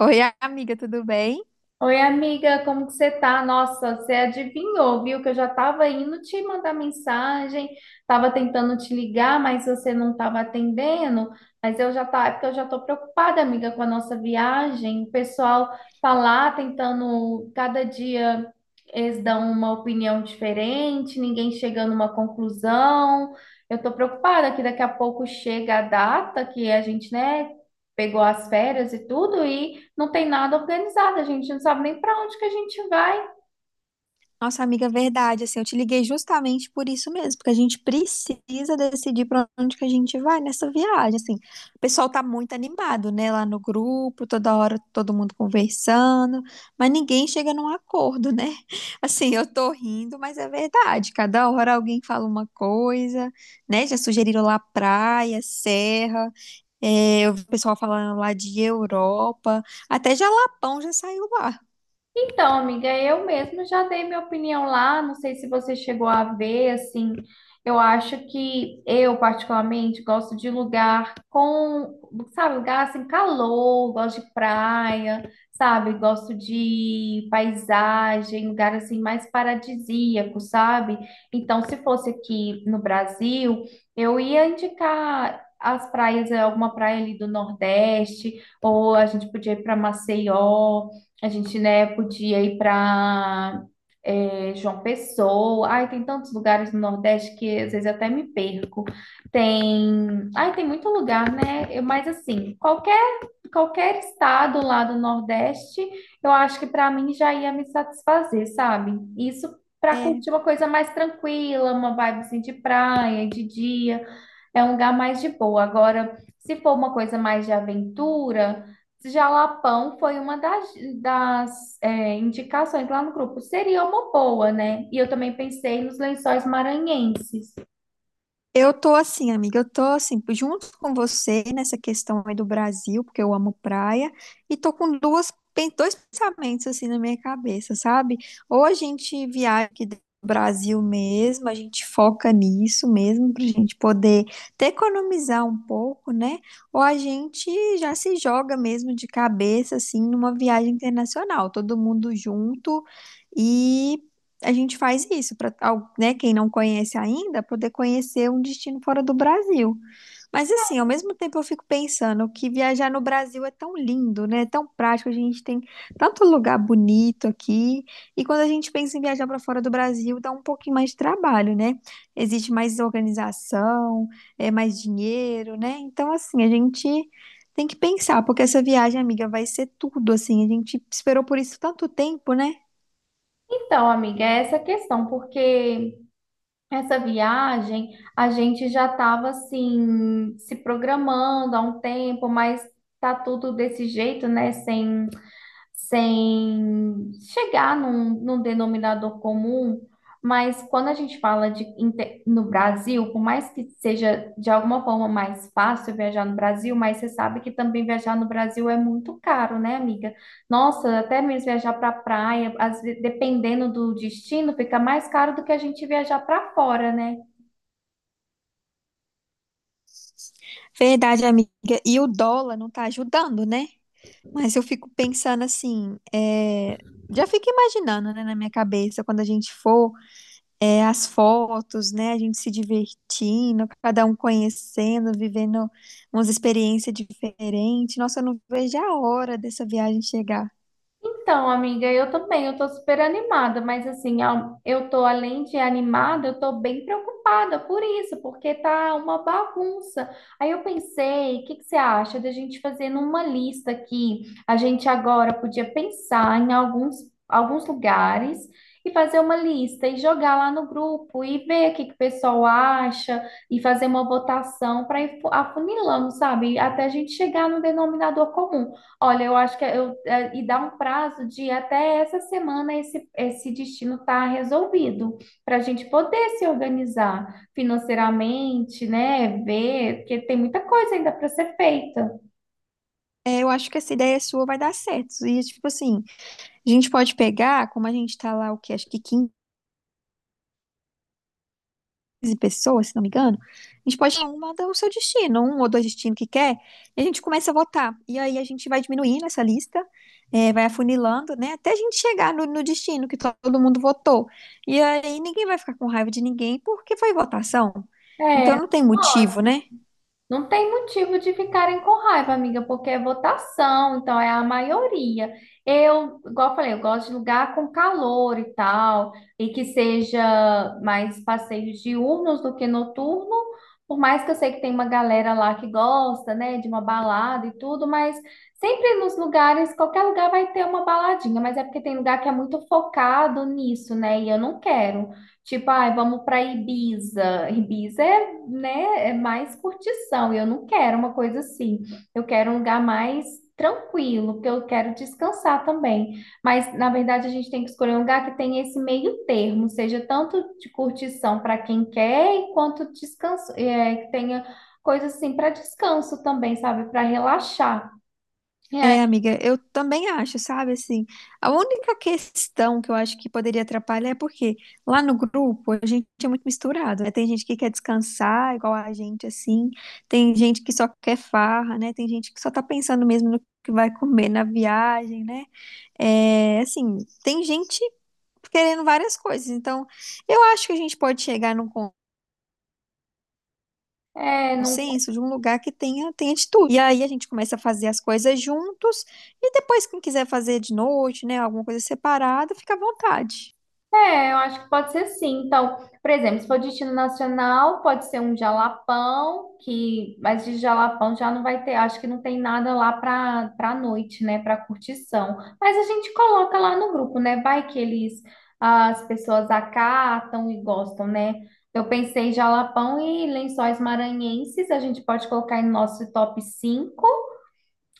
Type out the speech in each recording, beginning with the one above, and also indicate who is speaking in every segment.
Speaker 1: Oi, amiga, tudo bem?
Speaker 2: Oi, amiga, como que você tá? Nossa, você adivinhou, viu? Que eu já tava indo te mandar mensagem, tava tentando te ligar, mas você não tava atendendo. Mas eu já tá, é porque eu já tô preocupada, amiga, com a nossa viagem. O pessoal tá lá tentando, cada dia eles dão uma opinião diferente, ninguém chega numa conclusão. Eu tô preocupada que daqui a pouco chega a data que a gente, né, pegou as férias e tudo e não tem nada organizado, a gente não sabe nem para onde que a gente vai.
Speaker 1: Nossa, amiga, verdade, assim, eu te liguei justamente por isso mesmo, porque a gente precisa decidir para onde que a gente vai nessa viagem, assim. O pessoal tá muito animado, né, lá no grupo, toda hora todo mundo conversando, mas ninguém chega num acordo, né? Assim, eu tô rindo, mas é verdade, cada hora alguém fala uma coisa, né? Já sugeriram lá praia, serra, eu vi o pessoal falando lá de Europa, até Jalapão já saiu lá.
Speaker 2: Então, amiga, eu mesma já dei minha opinião lá, não sei se você chegou a ver, assim, eu acho que eu particularmente gosto de lugar com, sabe, lugar assim, calor, gosto de praia, sabe, gosto de paisagem, lugar assim mais paradisíaco, sabe? Então, se fosse aqui no Brasil, eu ia indicar as praias, alguma praia ali do Nordeste, ou a gente podia ir para Maceió, a gente, né, podia ir para João Pessoa. Ai, tem tantos lugares no Nordeste que às vezes eu até me perco. Tem, ai, tem muito lugar, né? Mas assim, qualquer estado lá do Nordeste, eu acho que para mim já ia me satisfazer, sabe? Isso para
Speaker 1: É,
Speaker 2: curtir uma coisa mais tranquila, uma vibe assim de praia, de dia, é um lugar mais de boa. Agora, se for uma coisa mais de aventura, Jalapão foi uma das indicações lá no grupo. Seria uma boa, né? E eu também pensei nos lençóis maranhenses.
Speaker 1: eu tô assim, amiga, junto com você nessa questão aí do Brasil, porque eu amo praia, e tô com dois pensamentos assim na minha cabeça, sabe? Ou a gente viaja aqui do Brasil mesmo, a gente foca nisso mesmo, pra gente poder até economizar um pouco, né? Ou a gente já se joga mesmo de cabeça, assim, numa viagem internacional, todo mundo junto, a gente faz isso para, né, quem não conhece ainda, poder conhecer um destino fora do Brasil. Mas assim, ao mesmo tempo eu fico pensando que viajar no Brasil é tão lindo, né? É tão prático, a gente tem tanto lugar bonito aqui. E quando a gente pensa em viajar para fora do Brasil, dá um pouquinho mais de trabalho, né? Existe mais organização, é mais dinheiro, né? Então assim, a gente tem que pensar, porque essa viagem, amiga, vai ser tudo assim. A gente esperou por isso tanto tempo, né?
Speaker 2: Então, amiga, é essa questão, porque essa viagem a gente já estava assim se programando há um tempo, mas tá tudo desse jeito, né? Sem chegar num denominador comum, mas quando a gente fala de no Brasil, por mais que seja de alguma forma mais fácil viajar no Brasil, mas você sabe que também viajar no Brasil é muito caro, né, amiga? Nossa, até mesmo viajar para praia, dependendo do destino, fica mais caro do que a gente viajar para fora, né?
Speaker 1: Verdade, amiga. E o dólar não tá ajudando, né? Mas eu fico pensando assim, já fico imaginando, né, na minha cabeça, quando a gente for, as fotos, né, a gente se divertindo, cada um conhecendo, vivendo umas experiências diferentes. Nossa, eu não vejo a hora dessa viagem chegar.
Speaker 2: Então, amiga, eu também, eu tô super animada, mas assim, eu tô além de animada, eu tô bem preocupada por isso, porque tá uma bagunça. Aí eu pensei, o que que você acha da gente fazer numa lista aqui? A gente agora podia pensar em alguns, alguns lugares e fazer uma lista e jogar lá no grupo e ver o que que o pessoal acha e fazer uma votação para ir afunilando, sabe? Até a gente chegar no denominador comum. Olha, eu acho que é, eu, e dá um prazo de até essa semana esse, esse destino tá resolvido, para a gente poder se organizar financeiramente, né? Ver, porque tem muita coisa ainda para ser feita.
Speaker 1: É, eu acho que essa ideia sua vai dar certo. E, tipo assim, a gente pode pegar, como a gente tá lá, o quê? Acho que 15 pessoas, se não me engano, a gente pode dar uma do seu destino, um ou dois destinos que quer, e a gente começa a votar. E aí a gente vai diminuindo essa lista, vai afunilando, né, até a gente chegar no destino que todo mundo votou. E aí ninguém vai ficar com raiva de ninguém porque foi votação. Então não tem motivo, né?
Speaker 2: Não tem motivo de ficarem com raiva, amiga, porque é votação, então é a maioria. Eu, igual eu falei, eu gosto de lugar com calor e tal, e que seja mais passeios diurnos do que noturno, por mais que eu sei que tem uma galera lá que gosta, né, de uma balada e tudo, mas sempre nos lugares, qualquer lugar vai ter uma baladinha, mas é porque tem lugar que é muito focado nisso, né, e eu não quero. Tipo, ai, vamos para Ibiza. Ibiza é né, é mais curtição. E eu não quero uma coisa assim. Eu quero um lugar mais tranquilo, porque eu quero descansar também. Mas, na verdade, a gente tem que escolher um lugar que tenha esse meio termo, seja tanto de curtição para quem quer, e quanto descanso, é, que tenha coisa assim para descanso também, sabe? Para relaxar.
Speaker 1: É, amiga, eu também acho, sabe, assim, a única questão que eu acho que poderia atrapalhar é porque lá no grupo a gente é muito misturado, né? Tem gente que quer descansar igual a gente, assim, tem gente que só quer farra, né? Tem gente que só tá pensando mesmo no que vai comer na viagem, né? É, assim, tem gente querendo várias coisas, então eu acho que a gente pode chegar num
Speaker 2: É, é, não.
Speaker 1: consenso de um lugar que tenha de tudo. E aí a gente começa a fazer as coisas juntos e depois quem quiser fazer de noite, né, alguma coisa separada, fica à vontade.
Speaker 2: É, eu acho que pode ser sim. Então, por exemplo, se for destino nacional, pode ser um jalapão, que, mas de jalapão já não vai ter, acho que não tem nada lá para noite, né, para curtição. Mas a gente coloca lá no grupo, né? Vai que eles as pessoas acatam e gostam, né? Eu pensei em jalapão e lençóis maranhenses, a gente pode colocar em nosso top 5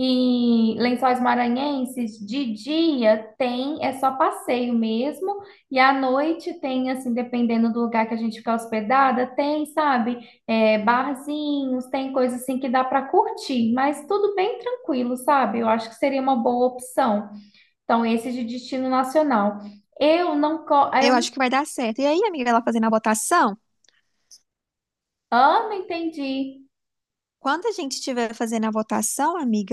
Speaker 2: e Lençóis Maranhenses, de dia tem, é só passeio mesmo, e à noite tem, assim, dependendo do lugar que a gente ficar hospedada, tem, sabe, é, barzinhos, tem coisa assim que dá para curtir, mas tudo bem tranquilo, sabe? Eu acho que seria uma boa opção. Então, esse de destino nacional. Eu não,
Speaker 1: Eu
Speaker 2: eu,
Speaker 1: acho que vai dar certo. E aí, amiga, ela fazendo a votação,
Speaker 2: ah, não entendi.
Speaker 1: quando a gente estiver fazendo a votação, amiga,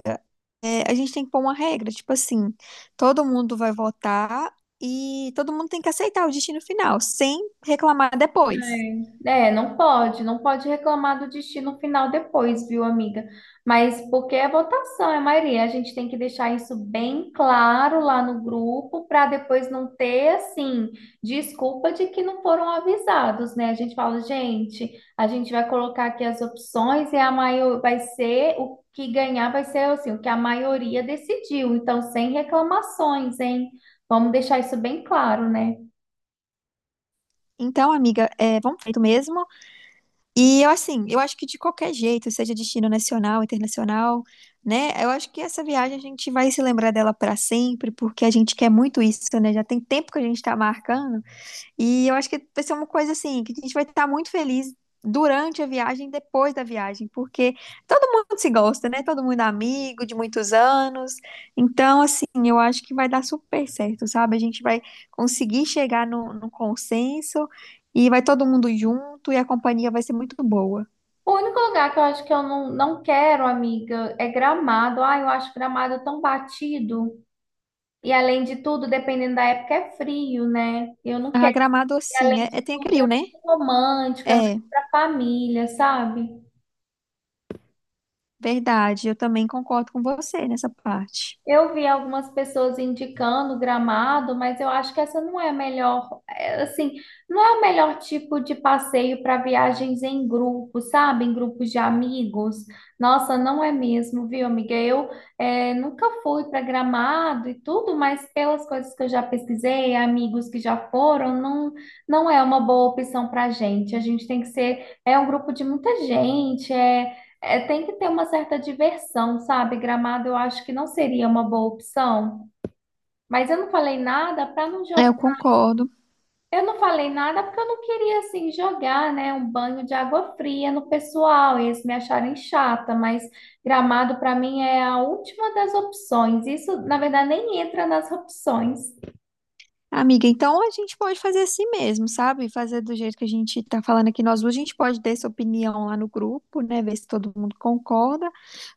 Speaker 1: a gente tem que pôr uma regra, tipo assim, todo mundo vai votar e todo mundo tem que aceitar o destino final, sem reclamar depois.
Speaker 2: É, é, não pode, não pode reclamar do destino final depois, viu, amiga? Mas porque é votação, é maioria. A gente tem que deixar isso bem claro lá no grupo para depois não ter, assim, desculpa de que não foram avisados, né? A gente fala, gente, a gente vai colocar aqui as opções e a maior vai ser o que ganhar vai ser assim, o que a maioria decidiu. Então, sem reclamações, hein? Vamos deixar isso bem claro, né?
Speaker 1: Então, amiga, vamos feito mesmo. E eu assim, eu acho que de qualquer jeito, seja destino nacional, internacional, né? Eu acho que essa viagem a gente vai se lembrar dela para sempre, porque a gente quer muito isso, né? Já tem tempo que a gente está marcando. E eu acho que vai ser uma coisa assim, que a gente vai estar muito feliz durante a viagem, e depois da viagem, porque todo mundo se gosta, né? Todo mundo é amigo de muitos anos. Então, assim, eu acho que vai dar super certo, sabe? A gente vai conseguir chegar no consenso e vai todo mundo junto e a companhia vai ser muito boa.
Speaker 2: O único lugar que eu acho que eu não, não quero, amiga, é Gramado. Ah, eu acho Gramado tão batido. E além de tudo, dependendo da época, é frio, né? Eu não
Speaker 1: A
Speaker 2: quero.
Speaker 1: Gramado,
Speaker 2: E
Speaker 1: assim,
Speaker 2: além de
Speaker 1: tem
Speaker 2: tudo,
Speaker 1: aquele
Speaker 2: é
Speaker 1: rio, né?
Speaker 2: muito romântico, é mais
Speaker 1: É,
Speaker 2: pra família, sabe?
Speaker 1: verdade. Eu também concordo com você nessa parte.
Speaker 2: Eu vi algumas pessoas indicando Gramado, mas eu acho que essa não é a melhor, é, assim, não é o melhor tipo de passeio para viagens em grupo, sabe? Em grupos de amigos. Nossa, não é mesmo, viu, amiga? Eu é, nunca fui para Gramado e tudo, mas pelas coisas que eu já pesquisei, amigos que já foram, não, não é uma boa opção para a gente. A gente tem que ser, é um grupo de muita gente, tem que ter uma certa diversão, sabe? Gramado eu acho que não seria uma boa opção, mas eu não falei nada para não
Speaker 1: É,
Speaker 2: jogar.
Speaker 1: eu concordo.
Speaker 2: Eu não falei nada porque eu não queria assim jogar, né, um banho de água fria no pessoal e eles me acharem chata, mas Gramado para mim é a última das opções. Isso, na verdade, nem entra nas opções.
Speaker 1: Amiga, então a gente pode fazer assim mesmo, sabe? Fazer do jeito que a gente tá falando aqui nós duas, a gente pode dar essa opinião lá no grupo, né? Ver se todo mundo concorda.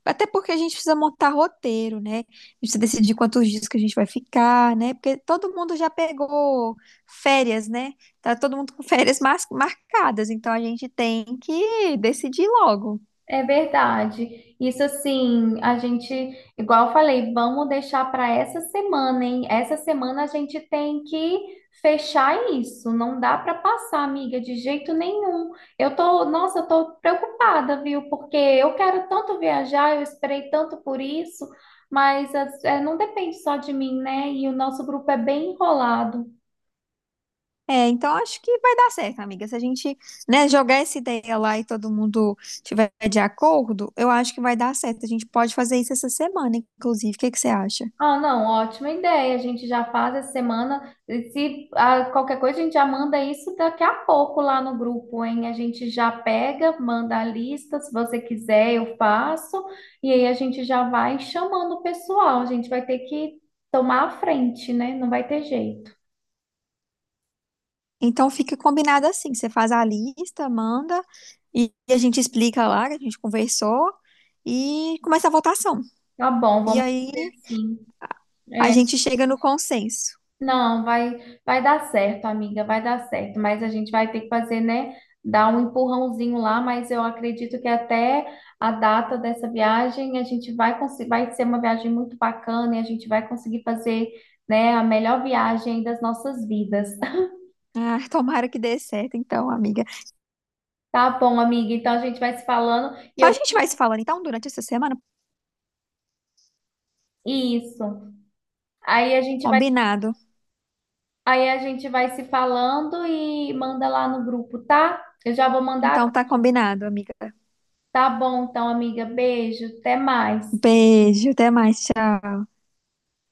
Speaker 1: Até porque a gente precisa montar roteiro, né? A gente precisa decidir quantos dias que a gente vai ficar, né? Porque todo mundo já pegou férias, né? Tá todo mundo com marcadas, então a gente tem que decidir logo.
Speaker 2: É verdade. Isso assim, a gente, igual eu falei, vamos deixar para essa semana, hein? Essa semana a gente tem que fechar isso. Não dá para passar, amiga, de jeito nenhum. Eu tô, nossa, eu tô preocupada, viu? Porque eu quero tanto viajar, eu esperei tanto por isso, mas é, não depende só de mim, né? E o nosso grupo é bem enrolado.
Speaker 1: É, então acho que vai dar certo, amiga. Se a gente, né, jogar essa ideia lá e todo mundo tiver de acordo, eu acho que vai dar certo. A gente pode fazer isso essa semana, inclusive. O que que você acha?
Speaker 2: Ah, não, ótima ideia. A gente já faz essa semana. E se qualquer coisa, a gente já manda isso daqui a pouco lá no grupo, hein? A gente já pega, manda a lista. Se você quiser, eu faço. E aí a gente já vai chamando o pessoal. A gente vai ter que tomar a frente, né? Não vai ter jeito.
Speaker 1: Então fica combinado assim. Você faz a lista, manda e a gente explica lá que a gente conversou e começa a votação.
Speaker 2: Tá bom,
Speaker 1: E
Speaker 2: vamos
Speaker 1: aí
Speaker 2: fazer assim.
Speaker 1: a
Speaker 2: É,
Speaker 1: gente chega no consenso.
Speaker 2: não, vai, vai dar certo, amiga, vai dar certo. Mas a gente vai ter que fazer, né? Dar um empurrãozinho lá, mas eu acredito que até a data dessa viagem a gente vai conseguir, vai ser uma viagem muito bacana e a gente vai conseguir fazer, né, a melhor viagem das nossas vidas.
Speaker 1: Ah, tomara que dê certo, então, amiga.
Speaker 2: Tá bom, amiga? Então a gente vai se falando e
Speaker 1: Então a
Speaker 2: eu
Speaker 1: gente vai se falando então durante essa semana,
Speaker 2: isso. Aí a gente vai,
Speaker 1: combinado.
Speaker 2: aí a gente vai se falando e manda lá no grupo, tá? Eu já vou mandar.
Speaker 1: Então tá combinado, amiga.
Speaker 2: Tá bom, então, amiga. Beijo, até mais.
Speaker 1: Beijo, até mais. Tchau.